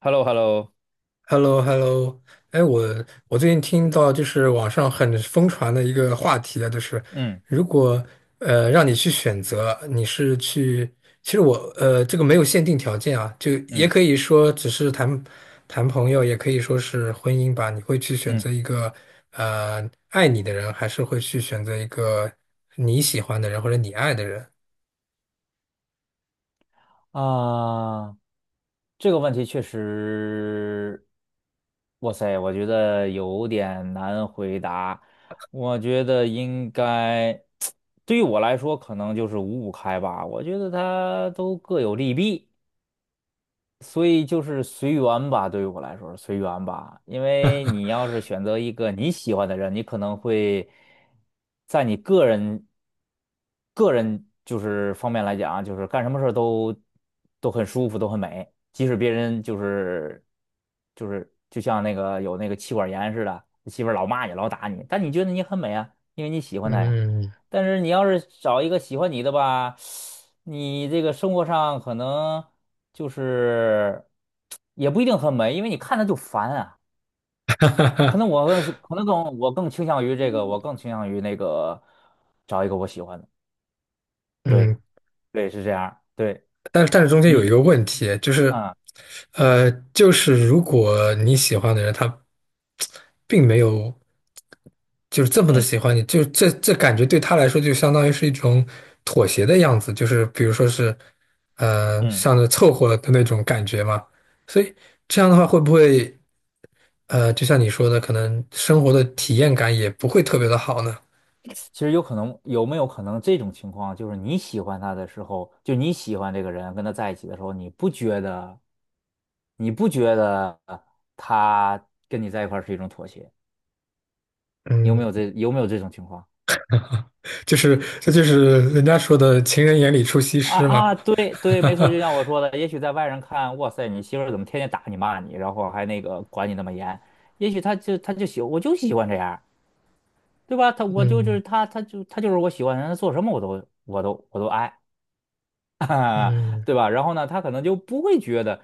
h e l l o h e l l o h e l l o h e l l o 哎，我最近听到就是网上很疯传的一个话题啊，就是嗯如果让你去选择，你是去，其实我这个没有限定条件啊，就也嗯可以说只是谈谈朋友，也可以说是婚姻吧。你会去选择嗯一个爱你的人，还是会去选择一个你喜欢的人或者你爱的人？啊，这个问题确实，哇塞，我觉得有点难回答。我觉得应该，对于我来说，可能就是五五开吧。我觉得它都各有利弊。所以就是随缘吧，对于我来说是随缘吧。因为你要是选择一个你喜欢的人，你可能会在你个人就是方面来讲啊，就是干什么事儿都很舒服，都很美。即使别人就是就像那个有那个妻管严似的，媳妇儿老骂你，老打你，但你觉得你很美啊，因为你喜欢她呀。嗯但是你要是找一个喜欢你的吧，你这个生活上可能。就是也不一定很美，因为你看着就烦啊。可能我更可能更我更倾向于这个，我更倾向于那个找一个我喜欢的。对嗯，对，是这样儿对但是中间有一你，个问题，就是，嗯就是如果你喜欢的人他并没有就是这么的嗯喜欢你，就这感觉对他来说就相当于是一种妥协的样子，就是比如说是，嗯，像是凑合的那种感觉嘛。所以这样的话会不会，就像你说的，可能生活的体验感也不会特别的好呢？其实有没有可能这种情况，就是你喜欢他的时候，就你喜欢这个人跟他在一起的时候，你不觉得他跟你在一块儿是一种妥协？嗯，有没有这种情况？就是这就是人家说的“情人眼里出西啊施”嘛。啊，对对，没错，就像我说的，也许在外人看，哇塞，你媳妇儿怎么天天打你骂你，然后还那个管你那么严？也许他就他就喜，我就喜欢这样，对吧？他我就就是嗯他，他就是我喜欢的人，他做什么我都爱，嗯。对吧？然后呢，他可能就不会觉得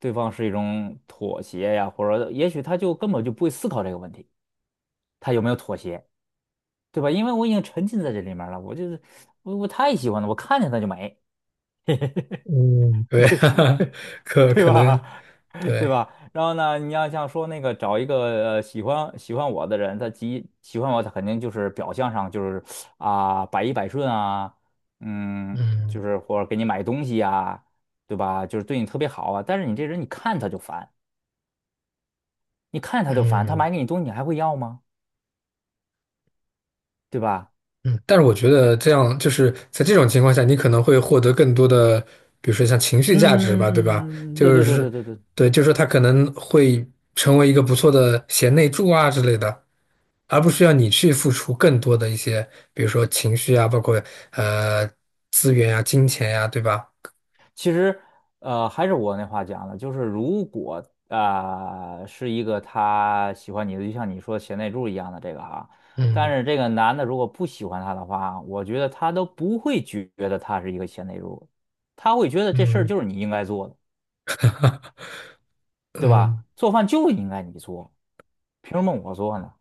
对方是一种妥协呀，或者也许他就根本就不会思考这个问题，他有没有妥协，对吧？因为我已经沉浸在这里面了，我太喜欢了，我看见他就美。嗯，对，可对可吧？能 对对，吧？然后呢，你要像说那个找一个喜欢我的人，他极喜欢我，他肯定就是表象上就是啊、百依百顺啊，嗯，就嗯是或者给你买东西啊，对吧？就是对你特别好啊。但是你这人，你看他就烦，你看他就烦，他嗯买给你东西，你还会要吗？对吧？嗯，但是我觉得这样就是在这种情况下，你可能会获得更多的，比如说像情绪价值吧，对吧？嗯，对就对对是对对对对，就是说他可能会成为一个不错的贤内助啊之类的，而不需要你去付出更多的一些，比如说情绪啊，包括呃资源啊、金钱呀、对吧？其实，还是我那话讲的，就是如果是一个他喜欢你的，就像你说贤内助一样的这个啊，但嗯是这个男的如果不喜欢他的话，我觉得他都不会觉得他是一个贤内助，他会觉得这事儿嗯就是你应该做的，对嗯吧？做饭就应该你做，凭什么我做呢？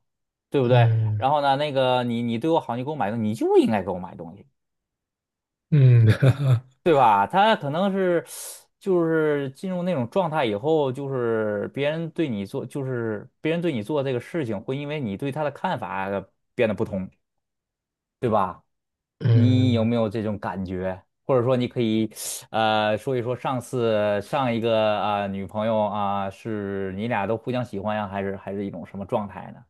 对不对？嗯然后呢，那个你对我好，你给我买东西，你就应该给我买东西。嗯嗯。对吧？他可能是就是进入那种状态以后，就是别人对你做，就是别人对你做这个事情，会因为你对他的看法变得不同，对吧？你有嗯没有这种感觉？或者说，你可以说一说上一个女朋友啊、是你俩都互相喜欢呀，还是一种什么状态呢？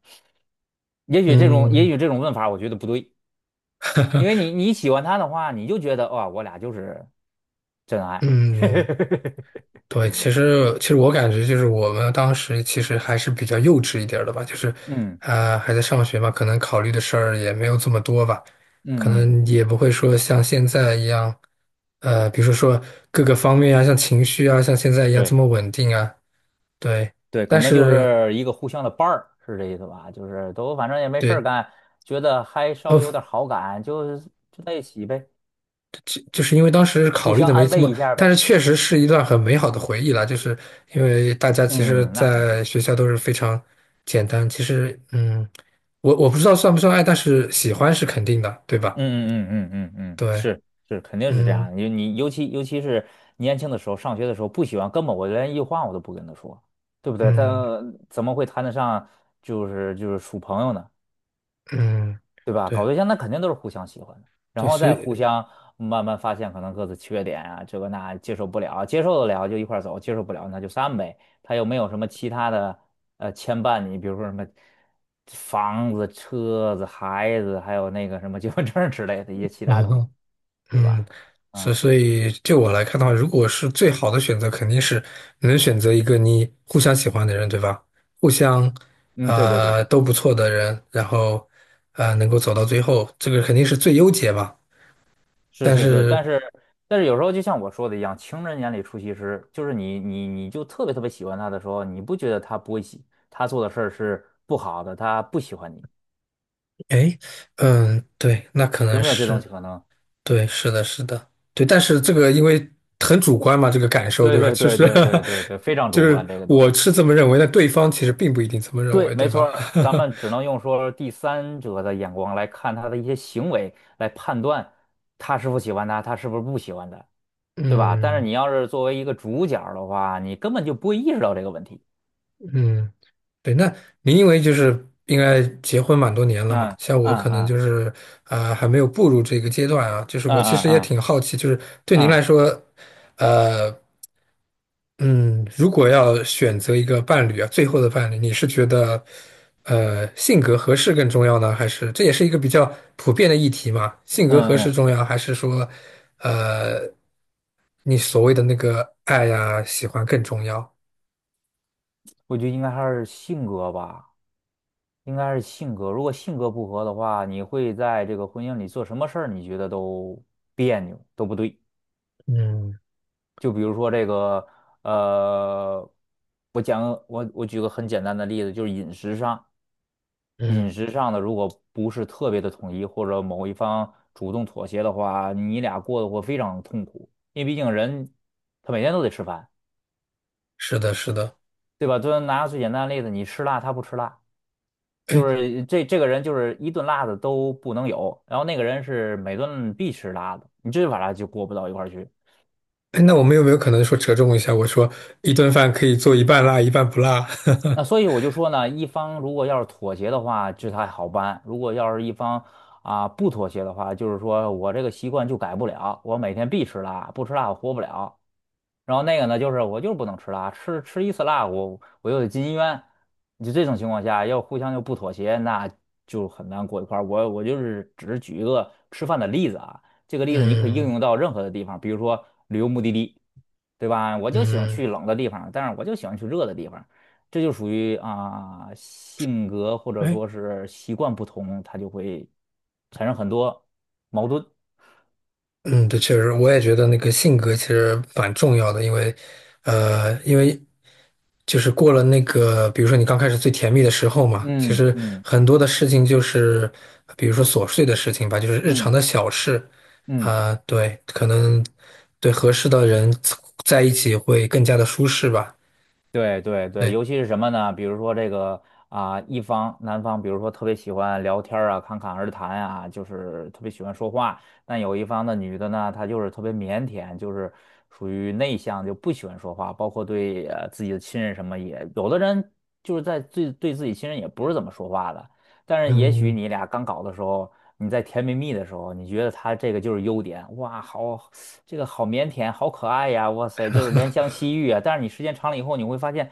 也许这种也嗯许这种问法，我觉得不对，因为你喜欢他的话，你就觉得哇，我俩就是真爱。嗯，对，其实我感觉就是我们当时其实还是比较幼稚一点儿的吧，就是嗯啊、还在上学嘛，可能考虑的事儿也没有这么多吧，可嗯嗯，能也不会说像现在一样，比如说各个方面啊，像情绪啊，像现在一样这对，么稳定啊，对，对，可但能就是是一个互相的伴儿，是这意思吧？就是都反正也没事儿对，干，觉得还稍呃微有点好感，就在一起呗，就是因为当时互考虑相的没安这慰么，一下但呗。是确实是一段很美好的回忆啦。就是因为大家其实，嗯，那肯定。在学校都是非常简单。其实，嗯，我不知道算不算爱，但是喜欢是肯定的，对吧？嗯嗯嗯嗯嗯嗯，对，是是，肯定是这样嗯的。你尤其是年轻的时候，上学的时候不喜欢，根本我连一句话我都不跟他说，对不对？但嗯呃怎么会谈得上就是处朋友呢？嗯，对吧？搞对对象那肯定都是互相喜欢的，然对，后所再互以，相慢慢发现可能各自缺点啊，这个那接受不了，接受得了就一块儿走，接受不了那就散呗。他又没有什么其他的牵绊你，比如说什么房子、车子、孩子，还有那个什么结婚证儿之类的一些 其他东西，嗯。对嗯，吧？所嗯所以就我来看的话，如果是最好的选择，肯定是你能选择一个你互相喜欢的人，对吧？互相嗯，对对对啊对。都不错的人，然后啊能够走到最后，这个肯定是最优解吧。是但是是，但是，是但是有时候就像我说的一样，情人眼里出西施，就是你就特别特别喜欢他的时候，你不觉得他不会喜，他做的事儿是不好的，他不喜欢你，哎，嗯，对，那可有能没有这是种可能？对，是的，是的，对。但是这个因为很主观嘛，这个感受，对对吧？对就对是 对对对 对，非常就主是观这个东我西。是这么认为，但对方其实并不一定这么认对，为，对没错吧？儿，咱们只能用说第三者的眼光来看他的一些行为，来判断他是否喜欢他，他是不是不喜欢他，对吧？但是嗯你要是作为一个主角儿的话，你根本就不会意识到这个问题。嗯。对，那您因为就是应该结婚蛮多年了嘛，嗯像我嗯可能嗯就是啊、还没有步入这个阶段啊，就是嗯我其嗯实也嗯。挺好奇，就是对您来啊，说，呃嗯，如果要选择一个伴侣啊，最后的伴侣，你是觉得性格合适更重要呢，还是这也是一个比较普遍的议题嘛？性格嗯合适嗯，重要，还是说呃你所谓的那个爱呀、喜欢更重要？我觉得应该还是性格吧，应该是性格。如果性格不合的话，你会在这个婚姻里做什么事儿？你觉得都别扭，都不对。嗯就比如说这个，呃，我举个很简单的例子，就是饮嗯，食上的如果不是特别的统一，或者某一方主动妥协的话，你俩过得会非常痛苦，因为毕竟人他每天都得吃饭，是的，是的。对吧？就拿最简单的例子，你吃辣，他不吃辣。就是这个人就是一顿辣的都不能有，然后那个人是每顿必吃辣的，你这把他就过不到一块儿去。哎，那我们有没有可能说折中一下？我说一顿饭可以做一半辣，一半不辣。那所以 我就说呢，一方如果要是妥协的话，这还好办；如果要是一方不妥协的话，就是说我这个习惯就改不了，我每天必吃辣，不吃辣我活不了。然后那个呢，就是我就是不能吃辣，吃一次辣，我又得进医院。就这种情况下，要互相就不妥协，那就很难过一块儿。我就是只是举一个吃饭的例子啊，这个例子你可以应嗯用到任何的地方，比如说旅游目的地，对吧？我就喜欢嗯，去冷的地方，但是我就喜欢去热的地方，这就属于性格或者哎，说是习惯不同，它就会产生很多矛盾。嗯，对，确实，我也觉得那个性格其实蛮重要的，因为，因为就是过了那个，比如说你刚开始最甜蜜的时候嘛，其嗯实嗯很多的事情就是，比如说琐碎的事情吧，就是日常嗯的小事，嗯。啊、对，可能对合适的人在一起会更加的舒适吧。对对对，对。尤其是什么呢？比如说这个啊，一方男方，比如说特别喜欢聊天儿啊，侃侃而谈啊，就是特别喜欢说话。但有一方的女的呢，她就是特别腼腆，就是属于内向，就不喜欢说话，包括对自己的亲人什么也，有的人就是在对自己亲人也不是怎么说话的。但是也许嗯你俩刚搞的时候，你在甜蜜蜜的时候，你觉得他这个就是优点，哇，好，这个好腼腆，好可爱呀，哇塞，就是怜香惜玉啊。但是你时间长了以后，你会发现，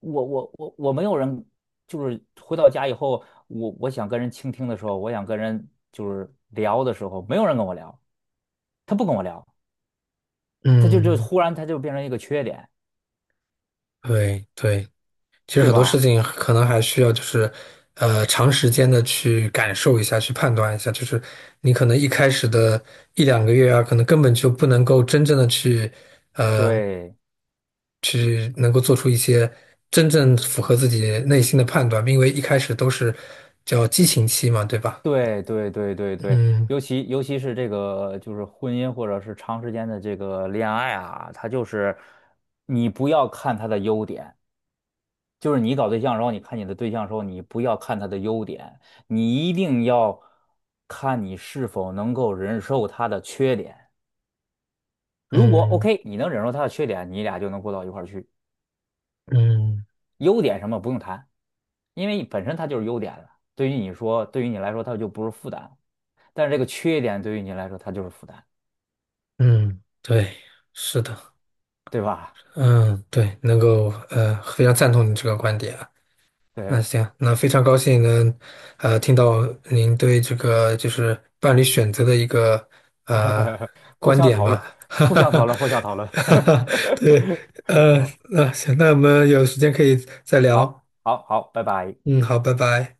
我没有人，就是回到家以后，我想跟人倾听的时候，我想跟人就是聊的时候，没有人跟我聊，他不跟我聊，他就就嗯，忽然他就变成一个缺点，对对，其实对很多吧？事情可能还需要就是，长时间的去感受一下，去判断一下。就是你可能一开始的一两个月啊，可能根本就不能够真正的去，呃，对。去能够做出一些真正符合自己内心的判断，因为一开始都是叫激情期嘛，对吧？对对对对对，嗯尤其是这个就是婚姻或者是长时间的这个恋爱啊，它就是你不要看他的优点，就是你搞对象的时候，你看你的对象的时候，你不要看他的优点，你一定要看你是否能够忍受他的缺点。如果 嗯 OK，你能忍受他的缺点，你俩就能过到一块儿去。嗯优点什么不用谈，因为本身它就是优点了，对于你说，对于你来说，它就不是负担。但是这个缺点对于你来说，它就是负担。嗯，对，是的，对吧？嗯对，能够非常赞同你这个观点啊。那对，行，那非常高兴能，听到您对这个就是伴侣选择的一个呃 互观相点讨论，吧，哈互哈相讨哈，论，互相讨论。哈哈，对，呃，好，那行，那我们有时间可以再好，聊，好，好，拜拜。嗯，好，拜拜。